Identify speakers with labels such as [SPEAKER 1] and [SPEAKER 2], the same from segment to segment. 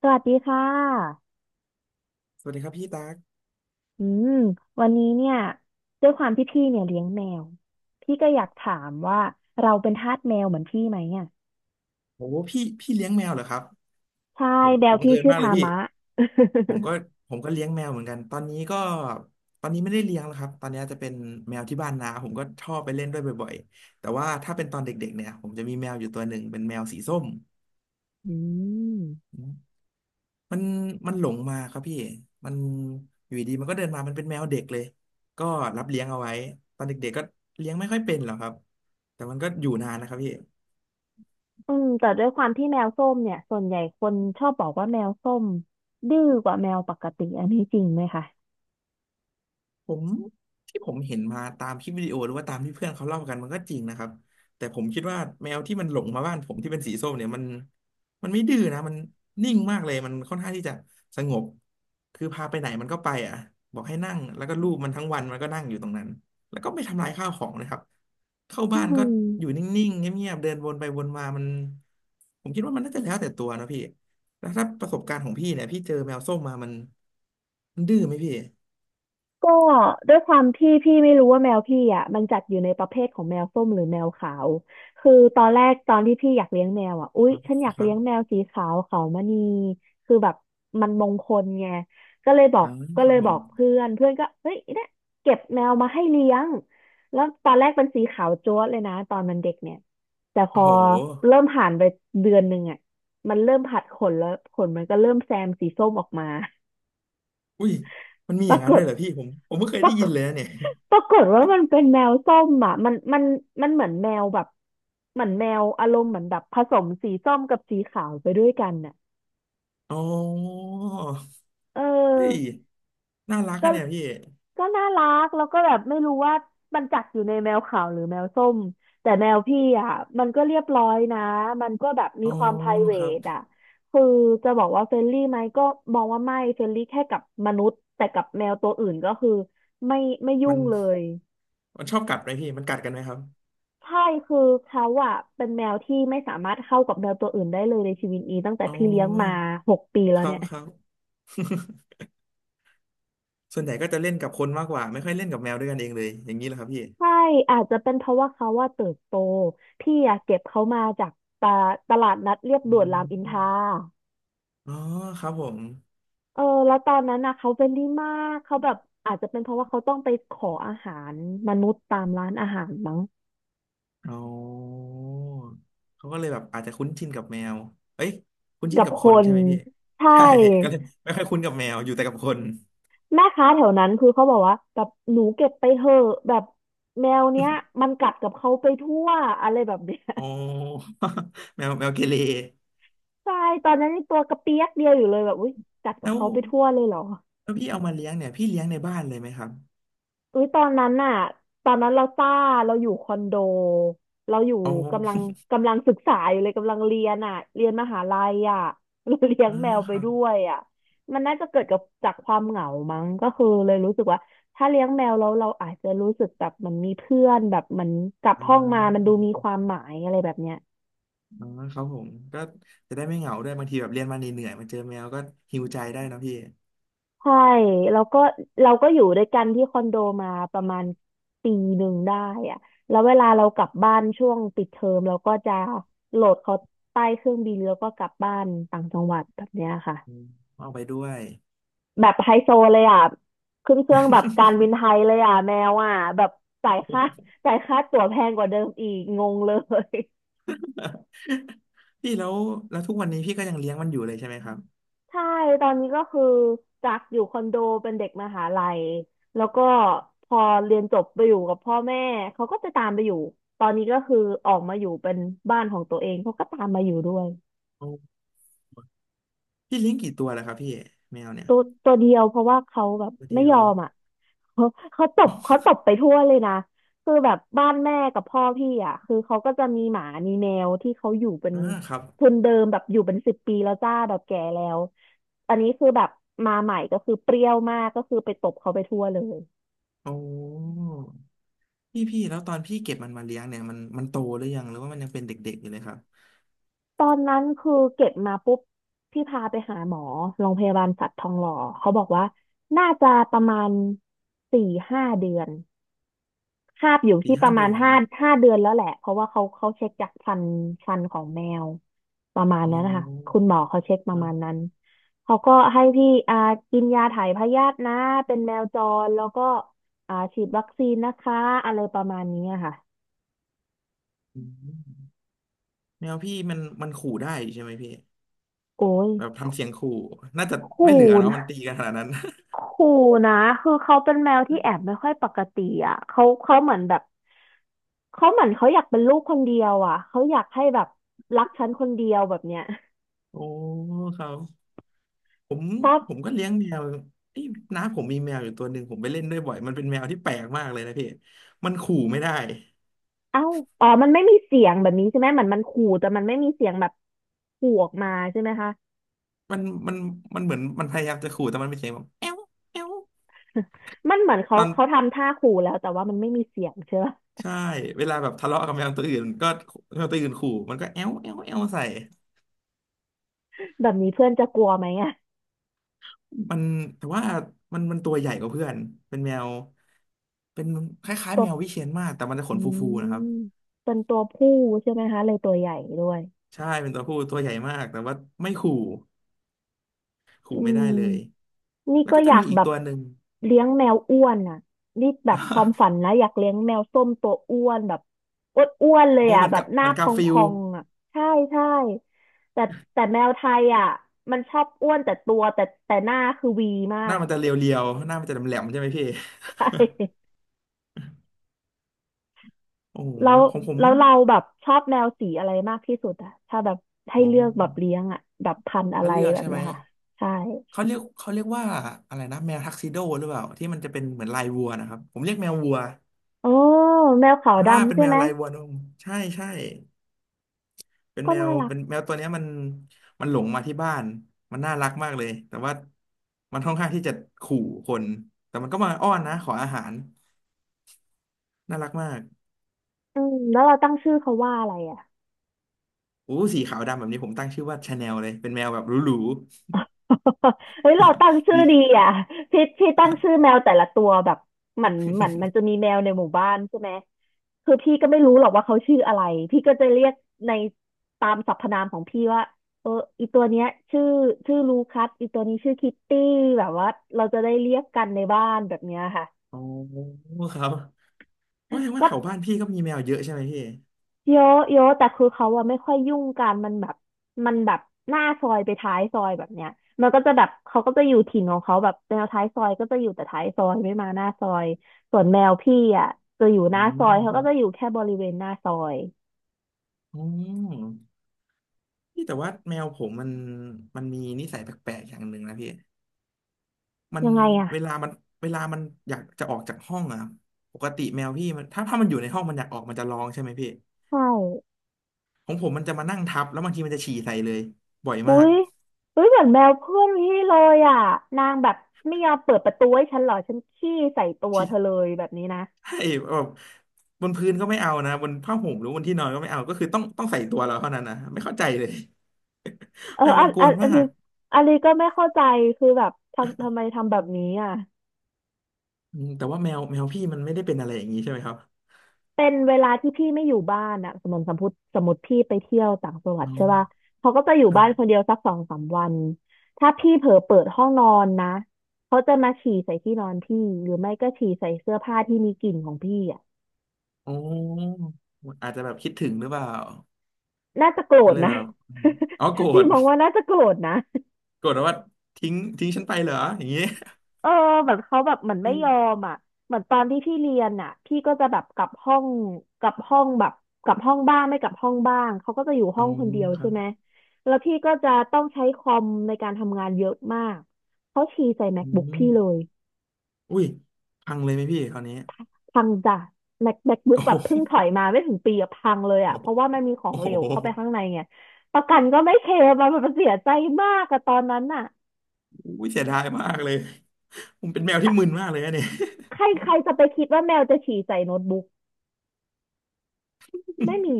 [SPEAKER 1] สวัสดีค่ะ
[SPEAKER 2] สวัสดีครับพี่ตั๊ก
[SPEAKER 1] อืมวันนี้เนี่ยด้วยความที่พี่เนี่ยเลี้ยงแมวพี่ก็อยากถามว่าเราเป็นทาสแมวเหมือนพี่ไหมอ่ะ
[SPEAKER 2] โอ้พี่เลี้ยงแมวเหรอครับ
[SPEAKER 1] ใช่
[SPEAKER 2] โห
[SPEAKER 1] แมว
[SPEAKER 2] บัง
[SPEAKER 1] พี่
[SPEAKER 2] เอิญ
[SPEAKER 1] ชื่อ
[SPEAKER 2] มากเลย
[SPEAKER 1] ทา
[SPEAKER 2] พี่
[SPEAKER 1] มะ
[SPEAKER 2] ผมก็ผมก็เลี้ยงแมวเหมือนกัน ตอนนี้ไม่ได้เลี้ยงแล้วครับตอนนี้จะเป็นแมวที่บ้านนาผมก็ชอบไปเล่นด้วยบ่อยๆแต่ว่าถ้าเป็นตอนเด็กๆเนี่ยผมจะมีแมวอยู่ตัวหนึ่งเป็นแมวสีส้ม
[SPEAKER 1] อืม
[SPEAKER 2] มันมันหลงมาครับพี่มันอยู่ดีๆมันก็เดินมามันเป็นแมวเด็กเลย ก็รับเลี้ยงเอาไว้ตอนเด็กๆก็เลี้ยงไม่ค่อยเป็นหรอกครับแต่มันก็อยู่นานนะครับพี่
[SPEAKER 1] อืมแต่ด้วยความที่แมวส้มเนี่ยส่วนใหญ่คนชอบบอกว่าแมวส้มดื้อกว่าแมวปกติอันนี้จริงไหมคะ
[SPEAKER 2] ผมที่ผมเห็นมาตามคลิปวิดีโอหรือว่าตามที่เพื่อนเขาเล่ากันมันก็จริงนะครับแต่ผมคิดว่าแมวที่มันหลงมาบ้านผมที่เป็นสีส้มเนี่ยมันไม่ดื้อนะมันนิ่งมากเลยมันค่อนข้างที่จะสงบคือพาไปไหนมันก็ไปอ่ะบอกให้นั่งแล้วก็ลูบมันทั้งวันมันก็นั่งอยู่ตรงนั้นแล้วก็ไม่ทำลายข้าวของนะครับเข้า
[SPEAKER 1] อื
[SPEAKER 2] บ้านก็อยู่น
[SPEAKER 1] ม
[SPEAKER 2] ิ่งๆเงียบๆเดินวนไปวนมามันผมคิดว่ามันน่าจะแล้วแต่ตัวนะพี่แล้วถ้าประสบการณ์ของพี่เนี่ยพี่เจอแมวส้มมามันดื้อไหมพี่
[SPEAKER 1] ก็ด้วยความที่พี่ไม่รู้ว่าแมวพี่อ่ะมันจัดอยู่ในประเภทของแมวส้มหรือแมวขาวคือตอนแรกตอนที่พี่อยากเลี้ยงแมวอ่ะอุ๊ยฉันอยาก
[SPEAKER 2] ครั
[SPEAKER 1] เลี้ยงแมว
[SPEAKER 2] บ
[SPEAKER 1] สีขาวขาวมณีคือแบบมันมงคลไงก็เลยบอก
[SPEAKER 2] อ่า
[SPEAKER 1] ก็
[SPEAKER 2] ค
[SPEAKER 1] เล
[SPEAKER 2] รับ
[SPEAKER 1] ย
[SPEAKER 2] ผ
[SPEAKER 1] บอ
[SPEAKER 2] ม
[SPEAKER 1] กเพื่อนเพื่อนก็เฮ้ยเนี่ยเก็บแมวมาให้เลี้ยงแล้วตอนแรกเป็นสีขาวจั๊วะเลยนะตอนมันเด็กเนี่ยแต่พ
[SPEAKER 2] โอ้
[SPEAKER 1] อ
[SPEAKER 2] โห
[SPEAKER 1] เริ่มผ่านไปเดือนหนึ่งอ่ะมันเริ่มผัดขนแล้วขนมันก็เริ่มแซมสีส้มออกมา
[SPEAKER 2] อุ้ยมันมี
[SPEAKER 1] ป
[SPEAKER 2] อ
[SPEAKER 1] รา
[SPEAKER 2] ย่าง
[SPEAKER 1] ก
[SPEAKER 2] นั้นด้
[SPEAKER 1] ฏ
[SPEAKER 2] วยเหรอพี่ผมไม่เคย
[SPEAKER 1] ป
[SPEAKER 2] ได้
[SPEAKER 1] ราก
[SPEAKER 2] ยิน
[SPEAKER 1] ฏ
[SPEAKER 2] เลยนะเนี่ย
[SPEAKER 1] ปรากฏว่ามันเป็นแมวส้มอ่ะมันเหมือนแมวแบบเหมือนแมวอารมณ์เหมือนแบบผสมสีส้มกับสีขาวไปด้วยกันน่ะ
[SPEAKER 2] อ๋อ
[SPEAKER 1] เอ
[SPEAKER 2] เฮ้ย
[SPEAKER 1] อ
[SPEAKER 2] น่ารัก
[SPEAKER 1] ก็
[SPEAKER 2] อะเนี่ยพี่
[SPEAKER 1] ก็น่ารักแล้วก็แบบไม่รู้ว่ามันจัดอยู่ในแมวขาวหรือแมวส้มแต่แมวพี่อ่ะมันก็เรียบร้อยนะมันก็แบบมี
[SPEAKER 2] อ๋อ
[SPEAKER 1] ความ p r i v a
[SPEAKER 2] ครับ
[SPEAKER 1] t อ่ะคือจะบอกว่าเฟรนลี่ไหมก็มองว่าไม่เฟรนลี่แค่กับมนุษย์แต่กับแมวตัวอื่นก็คือไม่ไม่ยุ่
[SPEAKER 2] มัน
[SPEAKER 1] งเลย
[SPEAKER 2] มันชอบกัดไหมพี่มันกัดกันไหมครับ
[SPEAKER 1] ใช่คือเขาอะเป็นแมวที่ไม่สามารถเข้ากับแมวตัวอื่นได้เลยในชีวิตนี้ตั้งแต่
[SPEAKER 2] อ๋อ
[SPEAKER 1] พี่เลี้ยงมา6 ปีแล้
[SPEAKER 2] ค
[SPEAKER 1] ว
[SPEAKER 2] รั
[SPEAKER 1] เนี่
[SPEAKER 2] บ
[SPEAKER 1] ย
[SPEAKER 2] ครับ ส่วนใหญ่ก็จะเล่นกับคนมากกว่าไม่ค่อยเล่นกับแมวด้วยกันเองเลยอย่างนี้เหรอครับพี่
[SPEAKER 1] ใช่อาจจะเป็นเพราะว่าเขาว่าเติบโตพี่อะเก็บเขามาจากตาตลาดนัดเรียบ
[SPEAKER 2] อ
[SPEAKER 1] ด่วน
[SPEAKER 2] ม
[SPEAKER 1] รามอิน
[SPEAKER 2] อ
[SPEAKER 1] ทรา
[SPEAKER 2] อ๋อครับผม
[SPEAKER 1] เออแล้วตอนนั้นนะเขาเป็นดี่มากเขาแบบอาจจะเป็นเพราะว่าเขาต้องไปขออาหารมนุษย์ตามร้านอาหารมั้ง
[SPEAKER 2] อ๋อเขาก็เลยแบบอาจจะคุ้นชินกับแมวเอ้ยคุ้นชิ
[SPEAKER 1] กั
[SPEAKER 2] น
[SPEAKER 1] บ
[SPEAKER 2] กับ
[SPEAKER 1] ค
[SPEAKER 2] คน
[SPEAKER 1] น
[SPEAKER 2] ใช่ไหมพี่
[SPEAKER 1] ใช่
[SPEAKER 2] ใช่ก็เลยไม่ค่อยคุ้นกับแมวอยู่แต่กับคน
[SPEAKER 1] แม่ค้าแถวนั้นคือเขาบอกว่าแบบหนูเก็บไปเถอะแบบแมวเนี้ยมันกัดกับเขาไปทั่วอะไรแบบเนี้ย
[SPEAKER 2] อ๋อ แมวเกเร
[SPEAKER 1] ใช่ตอนนั้นยังตัวกระเปียกเดียวอยู่เลยแบบอุ้ยกัดกับ
[SPEAKER 2] แล้ว
[SPEAKER 1] เขาไปทั่วเลยเหรอ
[SPEAKER 2] แล้วพี่เอามาเลี้ยงเนี่ยพี่เลี้ยงในบ้านเลยไหมครับ
[SPEAKER 1] อุ้ยตอนนั้นน่ะตอนนั้นเราซ่าเราอยู่คอนโดเราอยู่
[SPEAKER 2] อ๋อ
[SPEAKER 1] กำลังกำลังศึกษาอยู่เลยกำลังเรียนอ่ะเรียนมหาลัยอ่ะ เราเลี้ย ง
[SPEAKER 2] อ่า
[SPEAKER 1] แมวไป
[SPEAKER 2] ครับ
[SPEAKER 1] ด้วยอ่ะมันน่าจะเกิดกับจากความเหงามั้งก็คือเลยรู้สึกว่าถ้าเลี้ยงแมวแล้วเราอาจจะรู้สึกแบบมันมีเพื่อนแบบเหมันกลับ
[SPEAKER 2] อ่
[SPEAKER 1] ห้องมามันดู
[SPEAKER 2] า
[SPEAKER 1] มีความหมายอะไรแบบเนี้ย
[SPEAKER 2] อ่าครับผมก็จะได้ไม่เหงาด้วยบางทีแบบเรียนมาเหนื่อยๆมาเจอแมวก็หิวใจได้นะพี่
[SPEAKER 1] ใช่แล้วก็เราก็อยู่ด้วยกันที่คอนโดมาประมาณปีหนึ่งได้อะแล้วเวลาเรากลับบ้านช่วงปิดเทอมเราก็จะโหลดเขาใต้เครื่องบินแล้วก็กลับบ้านต่างจังหวัดแบบเนี้ย
[SPEAKER 2] อื
[SPEAKER 1] ค่ะ
[SPEAKER 2] มเอาไปด้วย
[SPEAKER 1] แบบไฮโซเลยอ่ะขึ้นเครื่องแบบการบินไทยเลยอ่ะแมวอ่ะแบบจ่ายค่าจ่ายค่าตั๋วแพงกว่าเดิมอีกงงเลย
[SPEAKER 2] พี่แล้วแล้วทุกวันนี้พี่ก็ยังเลี้ยงมันอยู่เลยใช่ไหมครับ
[SPEAKER 1] ใช่ตอนนี้ก็คือจากอยู่คอนโดเป็นเด็กมหาลัยแล้วก็พอเรียนจบไปอยู่กับพ่อแม่เขาก็จะตามไปอยู่ตอนนี้ก็คือออกมาอยู่เป็นบ้านของตัวเองเขาก็ตามมาอยู่ด้วย
[SPEAKER 2] เอาพี่เลี้ยงกี่ตัวแล้วครับพี่แมวเนี่ย
[SPEAKER 1] ตัวตัวเดียวเพราะว่าเขาแบบ
[SPEAKER 2] ตัว
[SPEAKER 1] ไม่
[SPEAKER 2] เดีย
[SPEAKER 1] ย
[SPEAKER 2] ว
[SPEAKER 1] อมอ่ะ เขาเขาตบไปทั่วเลยนะคือแบบบ้านแม่กับพ่อพี่อ่ะคือเขาก็จะมีหมามีแมวที่เขาอยู่เป็น
[SPEAKER 2] อ่าครับ
[SPEAKER 1] ทุนเดิมแบบอยู่เป็น10 ปีแล้วจ้าแบบแก่แล้วอันนี้คือแบบมาใหม่ก็คือเปรี้ยวมากก็คือไปตบเขาไปทั่วเลย
[SPEAKER 2] โอ้พี่แล้วตอนพี่เก็บมันมาเลี้ยงเนี่ยมันโตหรือยังหรือว่ามันยังเป็นเด็กๆอยู่เลยครับ
[SPEAKER 1] ตอนนั้นคือเก็บมาปุ๊บพี่พาไปหาหมอโรงพยาบาลสัตว์ทองหล่อเขาบอกว่าน่าจะประมาณ4-5 เดือน คาบอยู่
[SPEAKER 2] สี่
[SPEAKER 1] ที่ป
[SPEAKER 2] ห้า
[SPEAKER 1] ระมาณ
[SPEAKER 2] เดือน
[SPEAKER 1] ห้าเดือนแล้วแหละเพราะว่าเขาเช็คจากฟันฟันของแมวประมาณ
[SPEAKER 2] อ๋อ
[SPEAKER 1] นั้นนะคะคุณหมอเขาเช็คป
[SPEAKER 2] ค
[SPEAKER 1] ระ
[SPEAKER 2] รั
[SPEAKER 1] มาณนั้
[SPEAKER 2] บ
[SPEAKER 1] นเขาก็ให้พี่กินยาถ่ายพยาธินะเป็นแมวจรแล้วก็ฉีดวัคซีนนะคะอะไรประมาณนี้อะค่ะ
[SPEAKER 2] อืมแมวพี่มันขู่ได้ใช่ไหมพี่
[SPEAKER 1] โอ้ย
[SPEAKER 2] แบบทำเสียงขู่น่าจะไม่
[SPEAKER 1] ขู่
[SPEAKER 2] เหลือเนาะ
[SPEAKER 1] นะ
[SPEAKER 2] มันตีกันขนาดนั้น
[SPEAKER 1] ขู่นะคือเขาเป็นแมวที่แอบไม่ค่อยปกติอ่ะเขาเหมือนแบบเขาเหมือนเขาอยากเป็นลูกคนเดียวอ่ะเขาอยากให้แบบรักฉันคนเดียวแบบเนี้ย
[SPEAKER 2] โอ้ครับผม
[SPEAKER 1] ชอบ
[SPEAKER 2] ผมก็เลี้ยงแมวนี่น้าผมมีแมวอยู่ตัวหนึ่งผมไปเล่นด้วยบ่อยมันเป็นแมวที่แปลกมากเลยนะพี่มันขู่ไม่ได้
[SPEAKER 1] เอ้า อ๋อ มันไม่มีเสียงแบบนี้ใช่ไหมเหมือนมันขู่แต่มันไม่มีเสียงแบบขู่ออกมาใช่ไหมคะ
[SPEAKER 2] มันมันมันเหมือนมันพยายามจะขู่แต่มันเป็นเสียงแบบแอวแอว
[SPEAKER 1] มันเหมือน
[SPEAKER 2] ต
[SPEAKER 1] เขา
[SPEAKER 2] อน
[SPEAKER 1] เขาทำท่าขู่แล้วแต่ว่ามันไม่มีเสียงใช่ปะ
[SPEAKER 2] ใช่เวลาแบบทะเลาะกับแมวตัวอื่นก็แมวตัวอื่นขู่มันก็แอวแอวแอวใส่
[SPEAKER 1] แบบนี้เพื่อนจะกลัวไหมอะ
[SPEAKER 2] มันแต่ว่ามันตัวใหญ่กว่าเพื่อนเป็นแมวเป็นคล้าย
[SPEAKER 1] ตั
[SPEAKER 2] ๆ
[SPEAKER 1] ว
[SPEAKER 2] แมววิเชียรมากแต่มันจะข
[SPEAKER 1] อื
[SPEAKER 2] นฟูๆนะครับ
[SPEAKER 1] มเป็นตัวผู้ใช่ไหมคะเลยตัวใหญ่ด้วย
[SPEAKER 2] ใช่เป็นตัวผู้ตัวใหญ่มากแต่ว่าไม่ขู่
[SPEAKER 1] อื
[SPEAKER 2] ขู่ไม่ได้
[SPEAKER 1] ม
[SPEAKER 2] เลย
[SPEAKER 1] นี่
[SPEAKER 2] แล้ว
[SPEAKER 1] ก็
[SPEAKER 2] ก็
[SPEAKER 1] อ
[SPEAKER 2] จะ
[SPEAKER 1] ยา
[SPEAKER 2] มี
[SPEAKER 1] ก
[SPEAKER 2] อีก
[SPEAKER 1] แบบ
[SPEAKER 2] ตัวหนึ่ง
[SPEAKER 1] เลี้ยงแมวอ้วนอ่ะนี่แบบความฝั นนะอยากเลี้ยงแมวส้มตัวอ้วนแบบอ้วนเลย
[SPEAKER 2] โอ้
[SPEAKER 1] อ่ะ
[SPEAKER 2] เหมือน
[SPEAKER 1] แบ
[SPEAKER 2] กั
[SPEAKER 1] บ
[SPEAKER 2] บ
[SPEAKER 1] ห
[SPEAKER 2] เห
[SPEAKER 1] น้า
[SPEAKER 2] มือน
[SPEAKER 1] พ
[SPEAKER 2] กาฟิล
[SPEAKER 1] อ
[SPEAKER 2] ด์
[SPEAKER 1] งๆอ่ะใช่ใช่แต่แต่แมวไทยอ่ะมันชอบอ้วนแต่ตัวแต่หน้าคือวีมา
[SPEAKER 2] หน้า
[SPEAKER 1] ก
[SPEAKER 2] มันจะเรียวๆหน้ามันจะแหลมๆใช่ไหมพี่
[SPEAKER 1] ใช่
[SPEAKER 2] โอ้โห
[SPEAKER 1] แล้ว
[SPEAKER 2] ของผม
[SPEAKER 1] แล้วเราแบบชอบแมวสีอะไรมากที่สุดอ่ะถ้าแบบให้
[SPEAKER 2] โอ้
[SPEAKER 1] เลือกแบบเลี้ยงอ่ะแบบพันธุ์อะ
[SPEAKER 2] เขา
[SPEAKER 1] ไร
[SPEAKER 2] เลือก
[SPEAKER 1] แบบ
[SPEAKER 2] ใช่ไห
[SPEAKER 1] เนี้
[SPEAKER 2] ม
[SPEAKER 1] ยค่ะใช่
[SPEAKER 2] เขาเรียกว่าอะไรนะแมวทักซิโดหรือเปล่าที่มันจะเป็นเหมือนลายวัวนะครับผมเรียกแมววัว
[SPEAKER 1] โอ้แมวขาว
[SPEAKER 2] อ่า
[SPEAKER 1] ดำ
[SPEAKER 2] เป็น
[SPEAKER 1] ใช่
[SPEAKER 2] แม
[SPEAKER 1] ไห
[SPEAKER 2] ว
[SPEAKER 1] ม
[SPEAKER 2] ลายวัวนมใช่ใช่เป็น
[SPEAKER 1] ก็น่ารัก
[SPEAKER 2] แมวตัวเนี้ยมันหลงมาที่บ้านมันน่ารักมากเลยแต่ว่ามันค่อนข้างที่จะขู่คนแต่มันก็มาอ้อนนะขออาหารน่ารักมาก
[SPEAKER 1] อืมแล้วเราตั้งชื่อเขาว่าอะไรอ่ะ
[SPEAKER 2] อู้สีขาวดำแบบนี้ผมตั้งชื่อว่าชาแนลเลยเป็นแมวแบบหรู
[SPEAKER 1] เฮ้ยเราตั้ง
[SPEAKER 2] ๆ
[SPEAKER 1] ชื่
[SPEAKER 2] ดี
[SPEAKER 1] อดีอ่ะพี่ตั้งชื่อแมวแต่ละตัวแบบเหมือนมันจะมีแมวในหมู่บ้านใช่ไหมคือพี่ก็ไม่รู้หรอกว่าเขาชื่ออะไรพี่ก็จะเรียกในตามสรรพนามของพี่ว่าเอออีตัวเนี้ยชื่อชื่อลูคัสอีตัวนี้ชื่อคิตตี้แบบว่าเราจะได้เรียกกันในบ้านแบบเนี้ยค่ะ
[SPEAKER 2] อ๋อครับว่าแสดงว่า
[SPEAKER 1] ก็
[SPEAKER 2] แถวบ้านพี่ก็มีแมวเยอะใช่ไหมพี่
[SPEAKER 1] เยอะเยอะแต่คือเขาอะไม่ค่อยยุ่งกันมันแบบหน้าซอยไปท้ายซอยแบบเนี้ยมันก็จะแบบเขาก็จะอยู่ถิ่นของเขาแบบแนวท้ายซอยก็จะอยู่แต่ท้ายซอยไม่มาหน้าซอยส่วนแมวพี่อะจะอยู่ห
[SPEAKER 2] อื
[SPEAKER 1] น้าซ
[SPEAKER 2] ม
[SPEAKER 1] อยเขา
[SPEAKER 2] ค
[SPEAKER 1] ก็
[SPEAKER 2] รับ
[SPEAKER 1] จะอยู่แค่บริเวณหน้าซอย
[SPEAKER 2] อืมพี่แต่ว่าแมวผมมันมีนิสัยแปลกๆอย่างหนึ่งนะพี่มัน
[SPEAKER 1] ยังไง
[SPEAKER 2] เว
[SPEAKER 1] อะ
[SPEAKER 2] ลามันเวลามันอยากจะออกจากห้องอะปกติแมวพี่มันถ้ามันอยู่ในห้องมันอยากออกมันจะร้องใช่ไหมพี่
[SPEAKER 1] ใช่
[SPEAKER 2] ของผมมันจะมานั่งทับแล้วบางทีมันจะฉี่ใส่เลยบ่อย
[SPEAKER 1] อุ้
[SPEAKER 2] มาก
[SPEAKER 1] ยอุ้ยเหมือนแมวเพื่อนพี่เลยอะนางแบบไม่ยอมเปิดประตูให้ฉันหรอฉันขี้ใส่ตัวเธอเล
[SPEAKER 2] ฉี่
[SPEAKER 1] ยแบบนี้นะ
[SPEAKER 2] ให้แบบบนพื้นก็ไม่เอานะบนผ้าห่มหรือบนที่นอนก็ไม่เอาก็คือต้องใส่ตัวเราเท่านั้นนะไม่เข้าใจเลย
[SPEAKER 1] เอ อ
[SPEAKER 2] แมว
[SPEAKER 1] อั
[SPEAKER 2] มัน
[SPEAKER 1] น
[SPEAKER 2] ก
[SPEAKER 1] อั
[SPEAKER 2] ว
[SPEAKER 1] น
[SPEAKER 2] น
[SPEAKER 1] อั
[SPEAKER 2] มา
[SPEAKER 1] นนี้
[SPEAKER 2] ก
[SPEAKER 1] อันนี้ก็ไม่เข้าใจคือแบบทำไมทำแบบนี้อะ
[SPEAKER 2] อืมแต่ว่าแมวพี่มันไม่ได้เป็นอะไรอย่างนี้ใช่ไหมครับ
[SPEAKER 1] เป็นเวลาที่พี่ไม่อยู่บ้านอะสมมติพี่ไปเที่ยวต่างจังหวัด
[SPEAKER 2] อ๋อ
[SPEAKER 1] ใช่ป่ะเขาก็จะอยู่
[SPEAKER 2] ครั
[SPEAKER 1] บ้านคน
[SPEAKER 2] บ
[SPEAKER 1] เดียวสักสองสามวัน ถ้าพี่เผลอเปิดห้องนอนนะเขาจะมาฉี่ใส่ที่นอนพี่หรือไม่ก็ฉี่ใส่เสื้อผ้าที่มีกลิ่นของพี่อะ
[SPEAKER 2] โอ้อาจจะแบบคิดถึงหรือเปล่า
[SPEAKER 1] น่าจะโกร
[SPEAKER 2] ก็
[SPEAKER 1] ธ
[SPEAKER 2] เลย
[SPEAKER 1] นะ
[SPEAKER 2] แบบอมอ๋อโกร
[SPEAKER 1] พี่
[SPEAKER 2] ธ
[SPEAKER 1] มองว่าน่าจะโกรธนะ
[SPEAKER 2] โกรธว่าทิ้งฉันไปเหรออย่างงี้
[SPEAKER 1] เออเหมือนเขาแบบเหมือน
[SPEAKER 2] อื
[SPEAKER 1] ไม่ยอ
[SPEAKER 2] ม
[SPEAKER 1] มอ่ะเหมือนตอนที่พี่เรียนอ่ะพี่ก็จะแบบกลับห้องแบบกลับห้องบ้างไม่กลับห้องบ้างเขาก็จะอยู่ห้อ
[SPEAKER 2] เอา
[SPEAKER 1] งคนเดียว
[SPEAKER 2] ครั
[SPEAKER 1] ใช่
[SPEAKER 2] บ
[SPEAKER 1] ไหมแล้วพี่ก็จะต้องใช้คอมในการทำงานเยอะมากเขาฉี่ใส่
[SPEAKER 2] อื
[SPEAKER 1] MacBook พี่เล
[SPEAKER 2] ม
[SPEAKER 1] ย
[SPEAKER 2] อุ้ยพังเลยไหมพี่คราวนี้
[SPEAKER 1] พังจ้ะ MacBook
[SPEAKER 2] โอ้
[SPEAKER 1] แบ
[SPEAKER 2] โห
[SPEAKER 1] บเพิ่งถอยมาไม่ถึงปีอะพังเลยอ่ะเพราะว่ามันมีของ
[SPEAKER 2] โอ้
[SPEAKER 1] เห
[SPEAKER 2] โห
[SPEAKER 1] ลวเข้าไปข้างในไงประกันก็ไม่เคลมอะมันเสียใจมากอะตอนนั้นน่ะ
[SPEAKER 2] อุ้ยเสียดายมากเลยผมเป็นแมว
[SPEAKER 1] ใคร
[SPEAKER 2] ที่มึนมากเลยนะเนี่ย
[SPEAKER 1] ใครใครจะไปคิดว่าแมวจะฉี่ใส่โน้ตบุ๊ก ไม่มี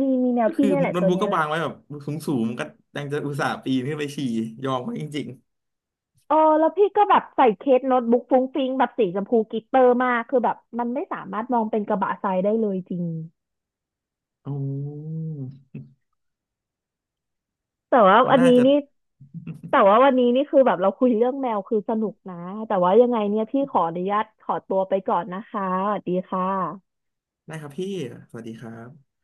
[SPEAKER 1] มีแน ว
[SPEAKER 2] ก็
[SPEAKER 1] พี่
[SPEAKER 2] คือ
[SPEAKER 1] เนี่ยแหละ
[SPEAKER 2] โน้
[SPEAKER 1] ตั
[SPEAKER 2] ต
[SPEAKER 1] ว
[SPEAKER 2] บุ๊ก
[SPEAKER 1] เนี้ย
[SPEAKER 2] ก็
[SPEAKER 1] แหละ
[SPEAKER 2] วางไว้แบบสูงสูงก็ยังจะอุตส่าห์ปีนขึ้นไปฉี่ยอมไว้จริง
[SPEAKER 1] เออแล้วพี่ก็แบบใส่เคสโน้ตบุ๊กฟุ้งฟิ้งแบบสีชมพูกลิตเตอร์มากคือแบบมันไม่สามารถมองเป็นกระบะทรายได้เลยจริง
[SPEAKER 2] ๆโอ้อ
[SPEAKER 1] แต่ว่า
[SPEAKER 2] มัน
[SPEAKER 1] วัน
[SPEAKER 2] น่า
[SPEAKER 1] นี้
[SPEAKER 2] จะ
[SPEAKER 1] นี่แต่ว่าวันนี้นี่คือแบบเราคุยเรื่องแมวคือสนุกนะ แต่ว่ายังไงเนี่ยพี่ขออนุญาตขอตัวไปก่อนนะคะสวัสดีค่ะ
[SPEAKER 2] ได้ครับพี่ สวัสดีครับ